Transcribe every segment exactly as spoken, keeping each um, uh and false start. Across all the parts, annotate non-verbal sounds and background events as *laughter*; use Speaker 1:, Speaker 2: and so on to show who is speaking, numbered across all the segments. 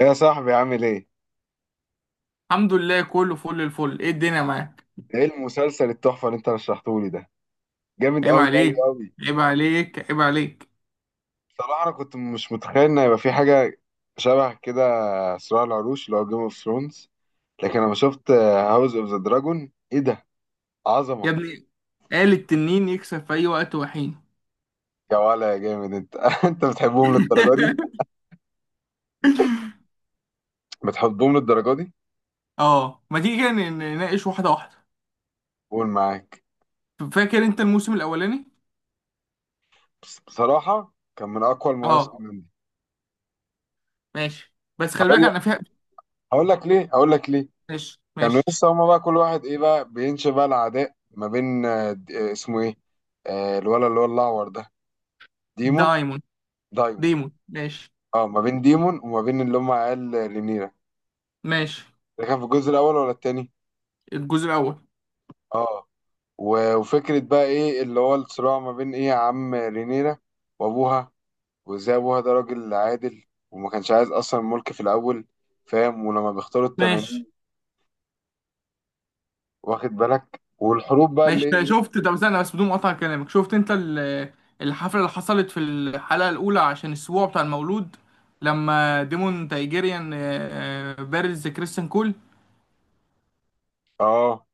Speaker 1: يا صاحبي عامل ايه؟
Speaker 2: الحمد لله، كله فل الفل. ايه الدنيا معاك؟
Speaker 1: ايه المسلسل التحفة اللي انت رشحته لي ده؟ جامد
Speaker 2: عيب
Speaker 1: قوي قوي
Speaker 2: عليك،
Speaker 1: قوي.
Speaker 2: عيب عليك، عيب عليك.
Speaker 1: بصراحة انا كنت مش متخيل ان هيبقى في حاجة شبه كده، صراع العروش اللي هو جيم اوف ثرونز، لكن لما شفت هاوس اوف ذا دراجون ايه ده؟
Speaker 2: يا
Speaker 1: عظمة.
Speaker 2: ابني، قال التنين يكسب في اي وقت وحين.
Speaker 1: يا ولا يا جامد انت *laughs* انت بتحبهم للدرجة دي؟
Speaker 2: *laughs*
Speaker 1: بتحبهم للدرجة دي؟
Speaker 2: اه، ما تيجي كده ن- نناقش واحده واحده.
Speaker 1: قول معاك.
Speaker 2: فاكر انت الموسم الاولاني؟
Speaker 1: بس- بصراحة كان من اقوى
Speaker 2: اه.
Speaker 1: المواسم عندي.
Speaker 2: ماشي، بس خلي
Speaker 1: هقول
Speaker 2: بالك انا
Speaker 1: لك
Speaker 2: فيها.
Speaker 1: هقول لك ليه؟ هقول لك ليه؟
Speaker 2: ماشي
Speaker 1: كانوا
Speaker 2: ماشي.
Speaker 1: لسه هما بقى كل واحد ايه بقى بينشئ بقى العداء ما بين آه، د- آه، اسمه ايه، آه، الولد اللي هو الاعور ده، ديمون،
Speaker 2: دايمون.
Speaker 1: دايمون.
Speaker 2: ديمون، ماشي.
Speaker 1: اه، ما بين ديمون وما بين اللي هم عيال رينيرا.
Speaker 2: ماشي.
Speaker 1: ده كان في الجزء الاول ولا التاني؟
Speaker 2: الجزء الاول.
Speaker 1: اه. و- وفكره بقى ايه اللي هو الصراع ما بين ايه عم رينيرا وابوها، وازاي ابوها ده راجل عادل وما كانش عايز اصلا الملك في الاول، فاهم؟ ولما بيختاروا التنانين
Speaker 2: ماشي.
Speaker 1: واخد بالك، والحروب بقى
Speaker 2: ماشي،
Speaker 1: اللي...
Speaker 2: طيب شفت؟ طب استنى بس بدون مقاطعة كلامك، شفت انت ال- الحفلة اللي حصلت في الحلقة الأولى عشان السبوع بتاع المولود؟ لما ديمون تايجيريان آه، آه، بارز كريستيان كول.
Speaker 1: اه،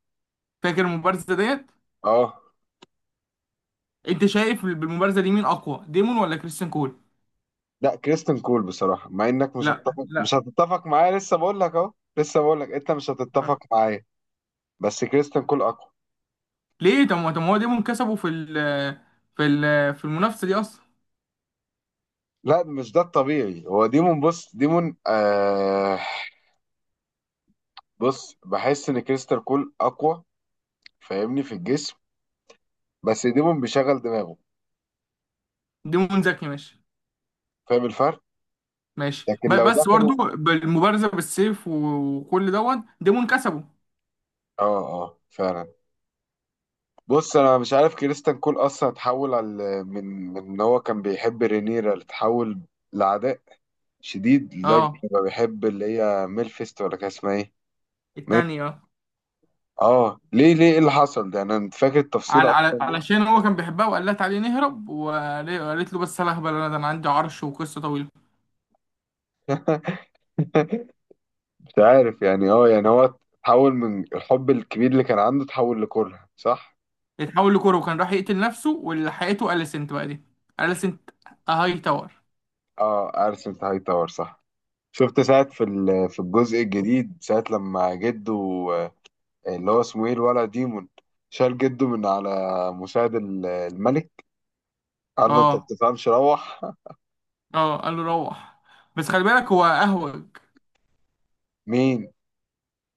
Speaker 2: فاكر المبارزة ديت؟
Speaker 1: اه.
Speaker 2: انت شايف بالمبارزة دي مين أقوى، ديمون ولا كريستيان كول؟
Speaker 1: لا، كريستن كول بصراحة، مع انك مش
Speaker 2: لا
Speaker 1: هتتفق
Speaker 2: لا.
Speaker 1: مش هتتفق معايا، لسه بقول لك اهو، لسه بقول لك انت مش هتتفق
Speaker 2: آه.
Speaker 1: معايا. بس كريستن كول اقوى.
Speaker 2: ليه؟ طب ما، طب ما هو ديمون كسبه في ال، في ال في المنافسة دي أصلا.
Speaker 1: لا مش ده الطبيعي، هو ديمون، بص ديمون آه بص، بحس ان كريستن كول اقوى، فاهمني؟ في الجسم. بس ديمون بيشغل دماغه،
Speaker 2: ديمون ذكي، ماشي.
Speaker 1: فاهم الفرق؟
Speaker 2: ماشي،
Speaker 1: لكن
Speaker 2: ب-
Speaker 1: لو
Speaker 2: بس
Speaker 1: دخلوا...
Speaker 2: برضه بالمبارزة بالسيف وكل دوت ديمون كسبه.
Speaker 1: اه، اه فعلا. بص انا مش عارف كريستن كول اصلا اتحول على، من من ان هو كان بيحب رينيرا، اتحول لعداء شديد لدرجة
Speaker 2: اه،
Speaker 1: إني بقى بحب اللي هي ميلفيست ولا كان اسمها إيه؟ ميل-
Speaker 2: التاني. اه.
Speaker 1: آه، ليه، ليه إيه اللي حصل ده؟ أنا فاكر التفصيلة
Speaker 2: على، على
Speaker 1: أصلا ليه؟
Speaker 2: علشان هو كان بيحبها، وقالت عليه نهرب، وقال- وقالت له بس انا هبل، انا ده انا عندي عرش وقصه طويله.
Speaker 1: *laughs* مش عارف يعني آه يعني هو تحول من الحب الكبير اللي كان عنده، تحول لكره، صح؟
Speaker 2: اتحول لكوره، وكان راح يقتل نفسه، واللي حقته اليسنت بقى دي. اليسنت هاي تاور.
Speaker 1: آه أرسنال هاي تاور، صح. شفت ساعة في ال- في الجزء الجديد، ساعة لما جده، آه، اللي هو اسمه إيه، الولد ديمون، شال جده من على مساعد ال- الملك. قال له أنت ما
Speaker 2: اه.
Speaker 1: بتفهمش، روح. *laughs*
Speaker 2: اه، قال له روح. بس خلي بالك هو اهوج.
Speaker 1: مين؟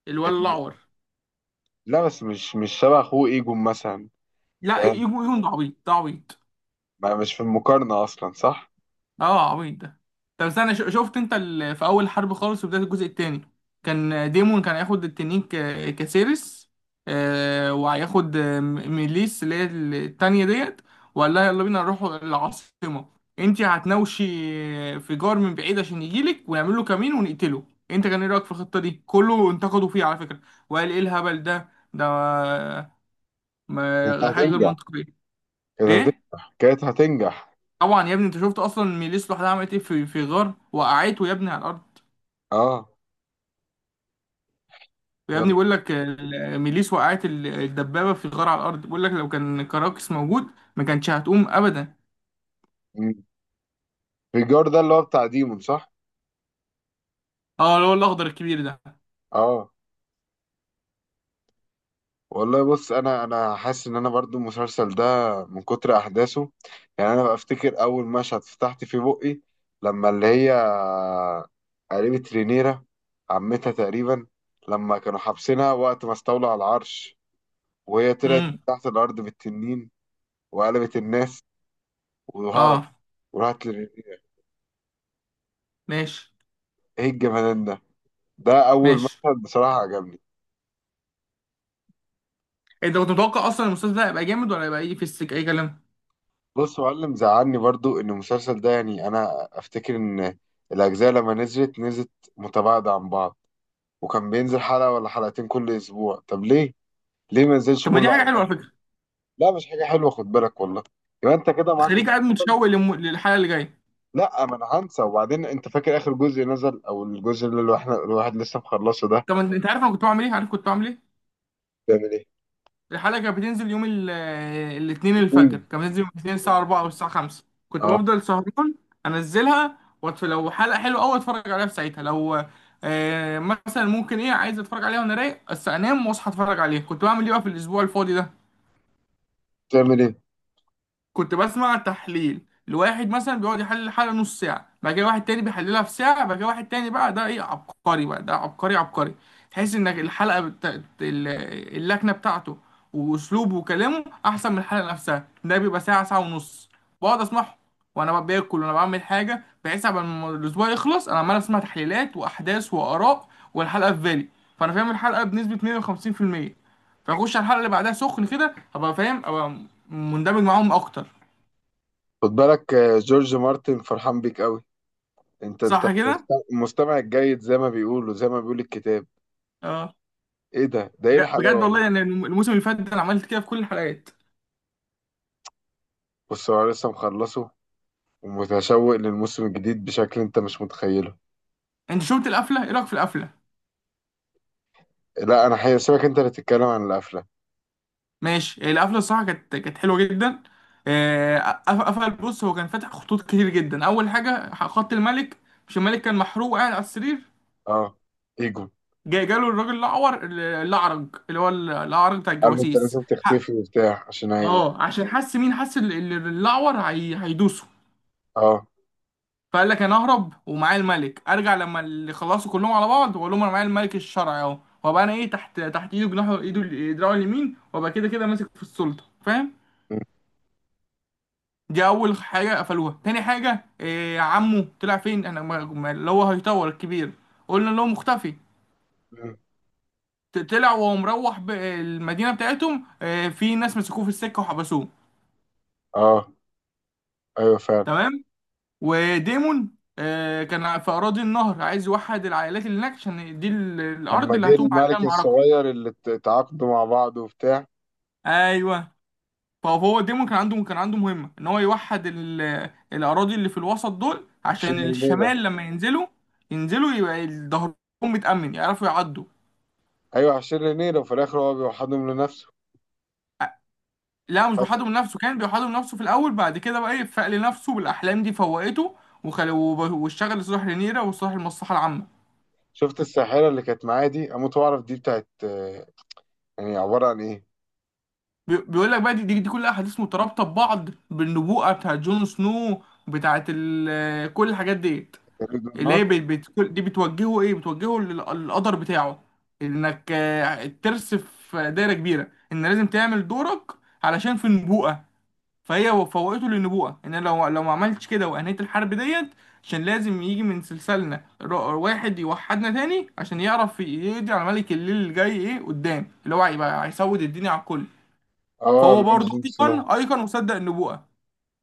Speaker 2: الولد الاعور.
Speaker 1: لا بس مش مش شبه اخوه ايجون مثلا.
Speaker 2: لا، يجون،
Speaker 1: فاهم.
Speaker 2: يجون ده عبيط، ده عبيط.
Speaker 1: ما مش في المقارنة أصلا، صح؟
Speaker 2: اه، عبيط ده. طب استنى، ش- شفت انت ال... في اول حرب خالص في بداية الجزء التاني، كان ديمون كان هياخد التنين ك... كسيرس. آه، وهياخد آه، م- ميليس اللي هي التانية ديت، وقال لها يلا بينا نروح العاصمة، انت هتناوشي في جار من بعيد عشان يجيلك ونعمل له كمين ونقتله. انت كان ايه رأيك في الخطة دي؟ كله انتقدوا فيها على فكرة، وقال ايه الهبل ده، ده
Speaker 1: كانت
Speaker 2: ما... حاجة غير
Speaker 1: هتنجح،
Speaker 2: منطقية.
Speaker 1: كانت
Speaker 2: ايه؟
Speaker 1: هتنجح، كانت هتنجح.
Speaker 2: طبعا يا ابني، انت شفت اصلا ميليس لوحدها عملت ايه في في غار؟ وقعته يا ابني على الارض.
Speaker 1: اه.
Speaker 2: ويا ابني
Speaker 1: يلا.
Speaker 2: بيقول لك ال- ميليس وقعت ال- الدبابه في غار على الارض، بيقول لك لو كان كراكس موجود ما كانتش هتقوم ابدا.
Speaker 1: مم. ريجار ده اللي هو بتاع ديمون، صح؟
Speaker 2: اه، اللي هو الاخضر الكبير ده.
Speaker 1: اه. والله بص، انا انا حاسس ان انا برضو المسلسل ده من كتر احداثه، يعني انا بفتكر اول مشهد فتحت فيه بقي، لما اللي هي قريبة رينيرا، عمتها تقريبا، لما كانوا حابسينها وقت ما استولوا على العرش، وهي طلعت من
Speaker 2: امم.
Speaker 1: تحت الارض بالتنين وقلبت الناس وهرب،
Speaker 2: اه.
Speaker 1: وراحت لرينيرا.
Speaker 2: ماشي
Speaker 1: ايه الجمدان ده، ده اول
Speaker 2: ماشي.
Speaker 1: مشهد بصراحه عجبني.
Speaker 2: إيه، انت كنت متوقع اصلا المسلسل ده هيبقى جامد ولا هيبقى ايه في السك اي كلام؟
Speaker 1: بص يا معلم، زعلني برضو ان المسلسل ده، يعني انا افتكر ان الاجزاء لما نزلت نزلت متباعده عن بعض، وكان بينزل حلقه ولا حلقتين كل اسبوع. طب ليه، ليه ما نزلش
Speaker 2: طب ما دي
Speaker 1: كله
Speaker 2: حاجه
Speaker 1: على
Speaker 2: حلوه على
Speaker 1: بعض؟
Speaker 2: فكره.
Speaker 1: لا مش حاجه حلوه، خد بالك والله، يبقى انت كده معاك.
Speaker 2: خليك قاعد متشوق للم- للحلقه اللي جايه.
Speaker 1: لا، ما انا هنسى، وبعدين انت فاكر اخر جزء نزل، او الجزء اللي الواحد الواحد لسه مخلصه ده.
Speaker 2: طب انت، انت عارف انا كنت بعمل ايه؟ عارف كنت بعمل ايه؟
Speaker 1: بتعمل ايه؟
Speaker 2: الحلقة كانت بتنزل يوم ال- الاثنين
Speaker 1: إيه؟
Speaker 2: الفجر، كانت بتنزل يوم الاثنين الساعة اربعة أو الساعة خمسة. كنت
Speaker 1: اه.
Speaker 2: بفضل سهران، أنزلها وأتف... لو حلقة حلوة أوي أتفرج عليها في ساعتها، لو آه مثلا ممكن، إيه، عايز أتفرج عليها وأنا رايق، بس أنام وأصحى أتفرج عليها. كنت بعمل إيه بقى في الأسبوع الفاضي ده؟
Speaker 1: بتعمل ايه؟
Speaker 2: كنت بسمع تحليل لواحد مثلا بيقعد يحلل الحلقة نص ساعة، بعد كده واحد تاني بيحللها في ساعة، بعد كده واحد تاني بقى ده ايه، عبقري بقى ده، عبقري عبقري. تحس انك الحلقة بتا... ال- اللكنة بتاعته واسلوبه وكلامه احسن من الحلقة نفسها. ده بيبقى ساعة، ساعة ونص، بقعد اسمعه وانا باكل وانا بعمل حاجة، بحيث قبل ما الاسبوع يخلص انا عمال اسمع تحليلات واحداث واراء، والحلقة في بالي. فانا فاهم الحلقة بنسبة مية وخمسين في المية، فاخش على الحلقة اللي بعدها سخن كده، ابقى فاهم، ابقى مندمج معاهم اكتر.
Speaker 1: خد بالك آه، جورج مارتن فرحان بيك قوي، انت انت
Speaker 2: صح كده.
Speaker 1: مست- مستمع الجيد زي ما بيقولوا، زي ما بيقول الكتاب.
Speaker 2: اه.
Speaker 1: ايه ده ده ايه
Speaker 2: بج- بجد
Speaker 1: الحلاوه
Speaker 2: والله،
Speaker 1: دي.
Speaker 2: يعني الم- الموسم اللي فات ده انا عملت كده في كل الحلقات.
Speaker 1: بص، هو أنا لسه مخلصه، ومتشوق للموسم الجديد بشكل انت مش متخيله.
Speaker 2: انت شفت القفله؟ ايه رايك في القفله؟
Speaker 1: لا انا هسيبك انت اللي تتكلم عن القفله.
Speaker 2: ماشي. هي القفله الصراحه كانت، كانت حلوه جدا. آه، قف- قفل. بص هو كان فاتح خطوط كتير جدا. اول حاجه خط الملك، مش الملك كان محروق قاعد على السرير؟
Speaker 1: اه. ايجو.
Speaker 2: جاي جاله الراجل الاعور، الاعرج، اللي هو الاعرج بتاع
Speaker 1: قال له انت
Speaker 2: الجواسيس
Speaker 1: لازم
Speaker 2: ح-
Speaker 1: تختفي وبتاع، عشان هي...
Speaker 2: اه، عشان حس، مين حس؟ ال- ال- الاعور. هي- هيدوسه.
Speaker 1: اه.
Speaker 2: فقال لك انا اهرب ومعايا الملك، ارجع لما اللي خلصوا كلهم على بعض واقول لهم انا معايا الملك الشرعي اهو، وابقى انا ايه، تحت، تحت ايده، جناحه، ايده ال- دراعه اليمين، وابقى كده كده ماسك في السلطه، فاهم؟
Speaker 1: م-
Speaker 2: دي اول حاجه قفلوها. تاني حاجه إيه؟ عمه طلع فين؟ انا ما- ما- اللي هو هيطور الكبير، قلنا له مختفي.
Speaker 1: م-
Speaker 2: ت- طلع وهو مروح ب- المدينه بتاعتهم، إيه في ناس مسكوه في السكه وحبسوه.
Speaker 1: اه ايوه فعلا.
Speaker 2: تمام. وديمون إيه، كان في اراضي النهر عايز يوحد العائلات اللي هناك عشان دي ال-
Speaker 1: لما
Speaker 2: الارض اللي
Speaker 1: جه
Speaker 2: هتقوم عليها
Speaker 1: الملك
Speaker 2: المعركه.
Speaker 1: الصغير، اللي ات- اتعاقدوا مع بعض وبتاع.
Speaker 2: ايوه. طب هو ديمون كان عنده، كان عنده مهمه ان هو يوحد ال... الاراضي اللي في الوسط دول
Speaker 1: عشان
Speaker 2: عشان
Speaker 1: رينيرا.
Speaker 2: الشمال لما ينزلوا، ينزلوا يبقى ظهرهم متامن، يعرفوا يعدوا.
Speaker 1: ايوح عشان رينيرا، وفي الاخر هو بيوحدهم لنفسه.
Speaker 2: لا مش بيوحدوا من نفسه، كان بيوحدوا من نفسه في الاول، بعد كده بقى ايه، فاق لنفسه بالاحلام دي فوقته. وخل... وب... واشتغل لصالح رينيرا وصالح المصلحه العامه.
Speaker 1: شفت الساحرة اللي كانت معايا دي، أموت وأعرف دي بتاعت يعني عبارة عن إيه؟
Speaker 2: بي... بيقول لك بقى، دي, دي, دي كلها احاديث مترابطه ببعض بالنبوءه بتاعت جون سنو، بتاعت ال... كل الحاجات ديت.
Speaker 1: جليد
Speaker 2: اللي
Speaker 1: والنار؟
Speaker 2: هي بت- بت- دي بتوجهه ايه، بتوجهه للقدر بتاعه. انك آه، الترس في دايره كبيره، ان لازم تعمل دورك علشان في النبوءه. فهي فوقته للنبوءه، ان لو لو ما عملتش كده وانهيت الحرب ديت، عشان لازم يجي من سلسلنا ر- واحد يوحدنا تاني عشان يعرف يقضي على ملك الليل اللي جاي ايه قدام، اللي هو هيبقى هيسود الدنيا على الكل.
Speaker 1: آه
Speaker 2: فهو
Speaker 1: لورد
Speaker 2: برضه
Speaker 1: جون سنو.
Speaker 2: ايقن ايقن مصدق النبوءه.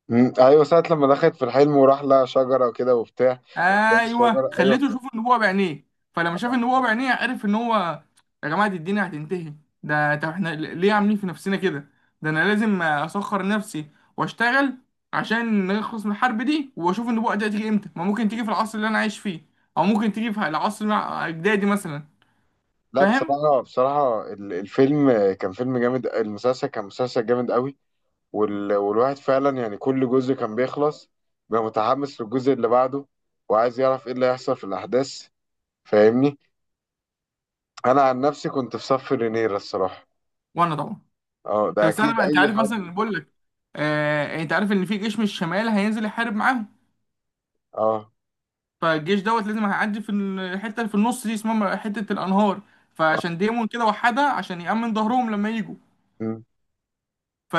Speaker 1: مم. أيوة ساعة لما دخلت في الحلم، وراح لها شجرة وكده وبتاع، لقى
Speaker 2: ايوه،
Speaker 1: الشجرة، أيوة
Speaker 2: خليته
Speaker 1: افتكرت.
Speaker 2: يشوف النبوه بعينيه. فلما شاف النبوه
Speaker 1: آه.
Speaker 2: بعينيه عرف ان هو، يا جماعه دي الدنيا هتنتهي. ده طب احنا ل- ليه عاملين في نفسنا كده؟ ده انا لازم اسخر نفسي واشتغل عشان نخلص من الحرب دي، واشوف النبوه دي هتيجي امتى، ما ممكن تيجي في العصر اللي انا عايش فيه، او ممكن تيجي في العصر مع اجدادي مثلا.
Speaker 1: لا
Speaker 2: فاهم؟
Speaker 1: بصراحة، بصراحة ال- الفيلم كان فيلم جامد، المسلسل كان مسلسل جامد قوي. وال... والواحد فعلا يعني كل جزء كان بيخلص، بقى متحمس للجزء اللي بعده، وعايز يعرف إيه اللي هيحصل في الأحداث، فاهمني؟ أنا عن نفسي كنت في صف رينيرا الصراحة.
Speaker 2: وانا طبعا.
Speaker 1: أه
Speaker 2: طب
Speaker 1: ده
Speaker 2: استنى
Speaker 1: أكيد
Speaker 2: بقى، انت
Speaker 1: أي
Speaker 2: عارف
Speaker 1: حد.
Speaker 2: مثلا، بقول لك آه، انت عارف ان في جيش من الشمال هينزل يحارب معاهم؟
Speaker 1: أه.
Speaker 2: فالجيش دوت لازم هيعدي في الحته اللي في النص دي، اسمها حته الانهار.
Speaker 1: أه.
Speaker 2: فعشان ديمون كده وحدها، عشان يأمن ظهرهم لما يجوا.
Speaker 1: مم.
Speaker 2: ف...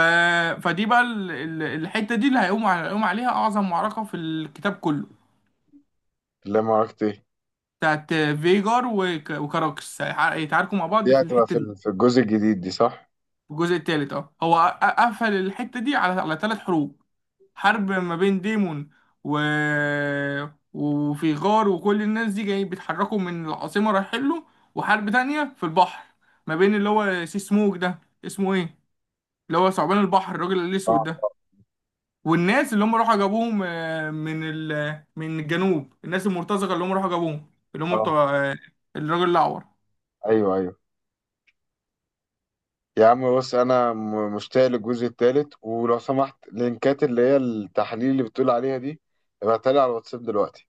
Speaker 2: فدي بقى ال... ال- الحته دي اللي هيقوم على... هيقوم عليها اعظم معركه في الكتاب كله.
Speaker 1: لا ما عرفت إيه.
Speaker 2: بتاعت فيجار وك... وكاراكس هيتع- هيتعاركوا مع
Speaker 1: دي
Speaker 2: بعض في
Speaker 1: هتبقى
Speaker 2: الحته
Speaker 1: في
Speaker 2: دي.
Speaker 1: ال- في الجزء الجديد دي، صح؟
Speaker 2: الجزء الثالث، اه. هو أ- قفل الحته دي على، على ثلاث حروب. حرب ما بين ديمون و... وفي غار وكل الناس دي جاي بيتحركوا من العاصمة رايحين له، وحرب تانية في البحر ما بين اللي هو سي سموك ده، اسمه ايه، اللي هو ثعبان البحر الراجل الأسود
Speaker 1: اه.
Speaker 2: ده، والناس اللي هم راحوا جابوهم آه، من ال... من الجنوب، الناس المرتزقة اللي هم راحوا جابوهم اللي هم
Speaker 1: اه
Speaker 2: بتوع آه، الراجل الأعور.
Speaker 1: ايوه، ايوه. يا عم بص انا م- مشتاق للجزء التالت، ولو سمحت لينكات اللي هي التحاليل اللي بتقول عليها دي، ابعتها لي على الواتساب دلوقتي.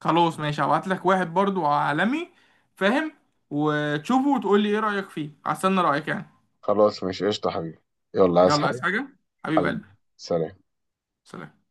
Speaker 2: خلاص ماشي، هبعت لك واحد برضو عالمي، فاهم، وتشوفه وتقول لي ايه رأيك فيه، هستنى رأيك يعني.
Speaker 1: خلاص ماشي، قشطة حبيبي. يلا عايز
Speaker 2: يلا، عايز
Speaker 1: حاجة.
Speaker 2: حاجة؟ حبيب
Speaker 1: حبيبي.
Speaker 2: قلبي.
Speaker 1: سلام.
Speaker 2: سلام.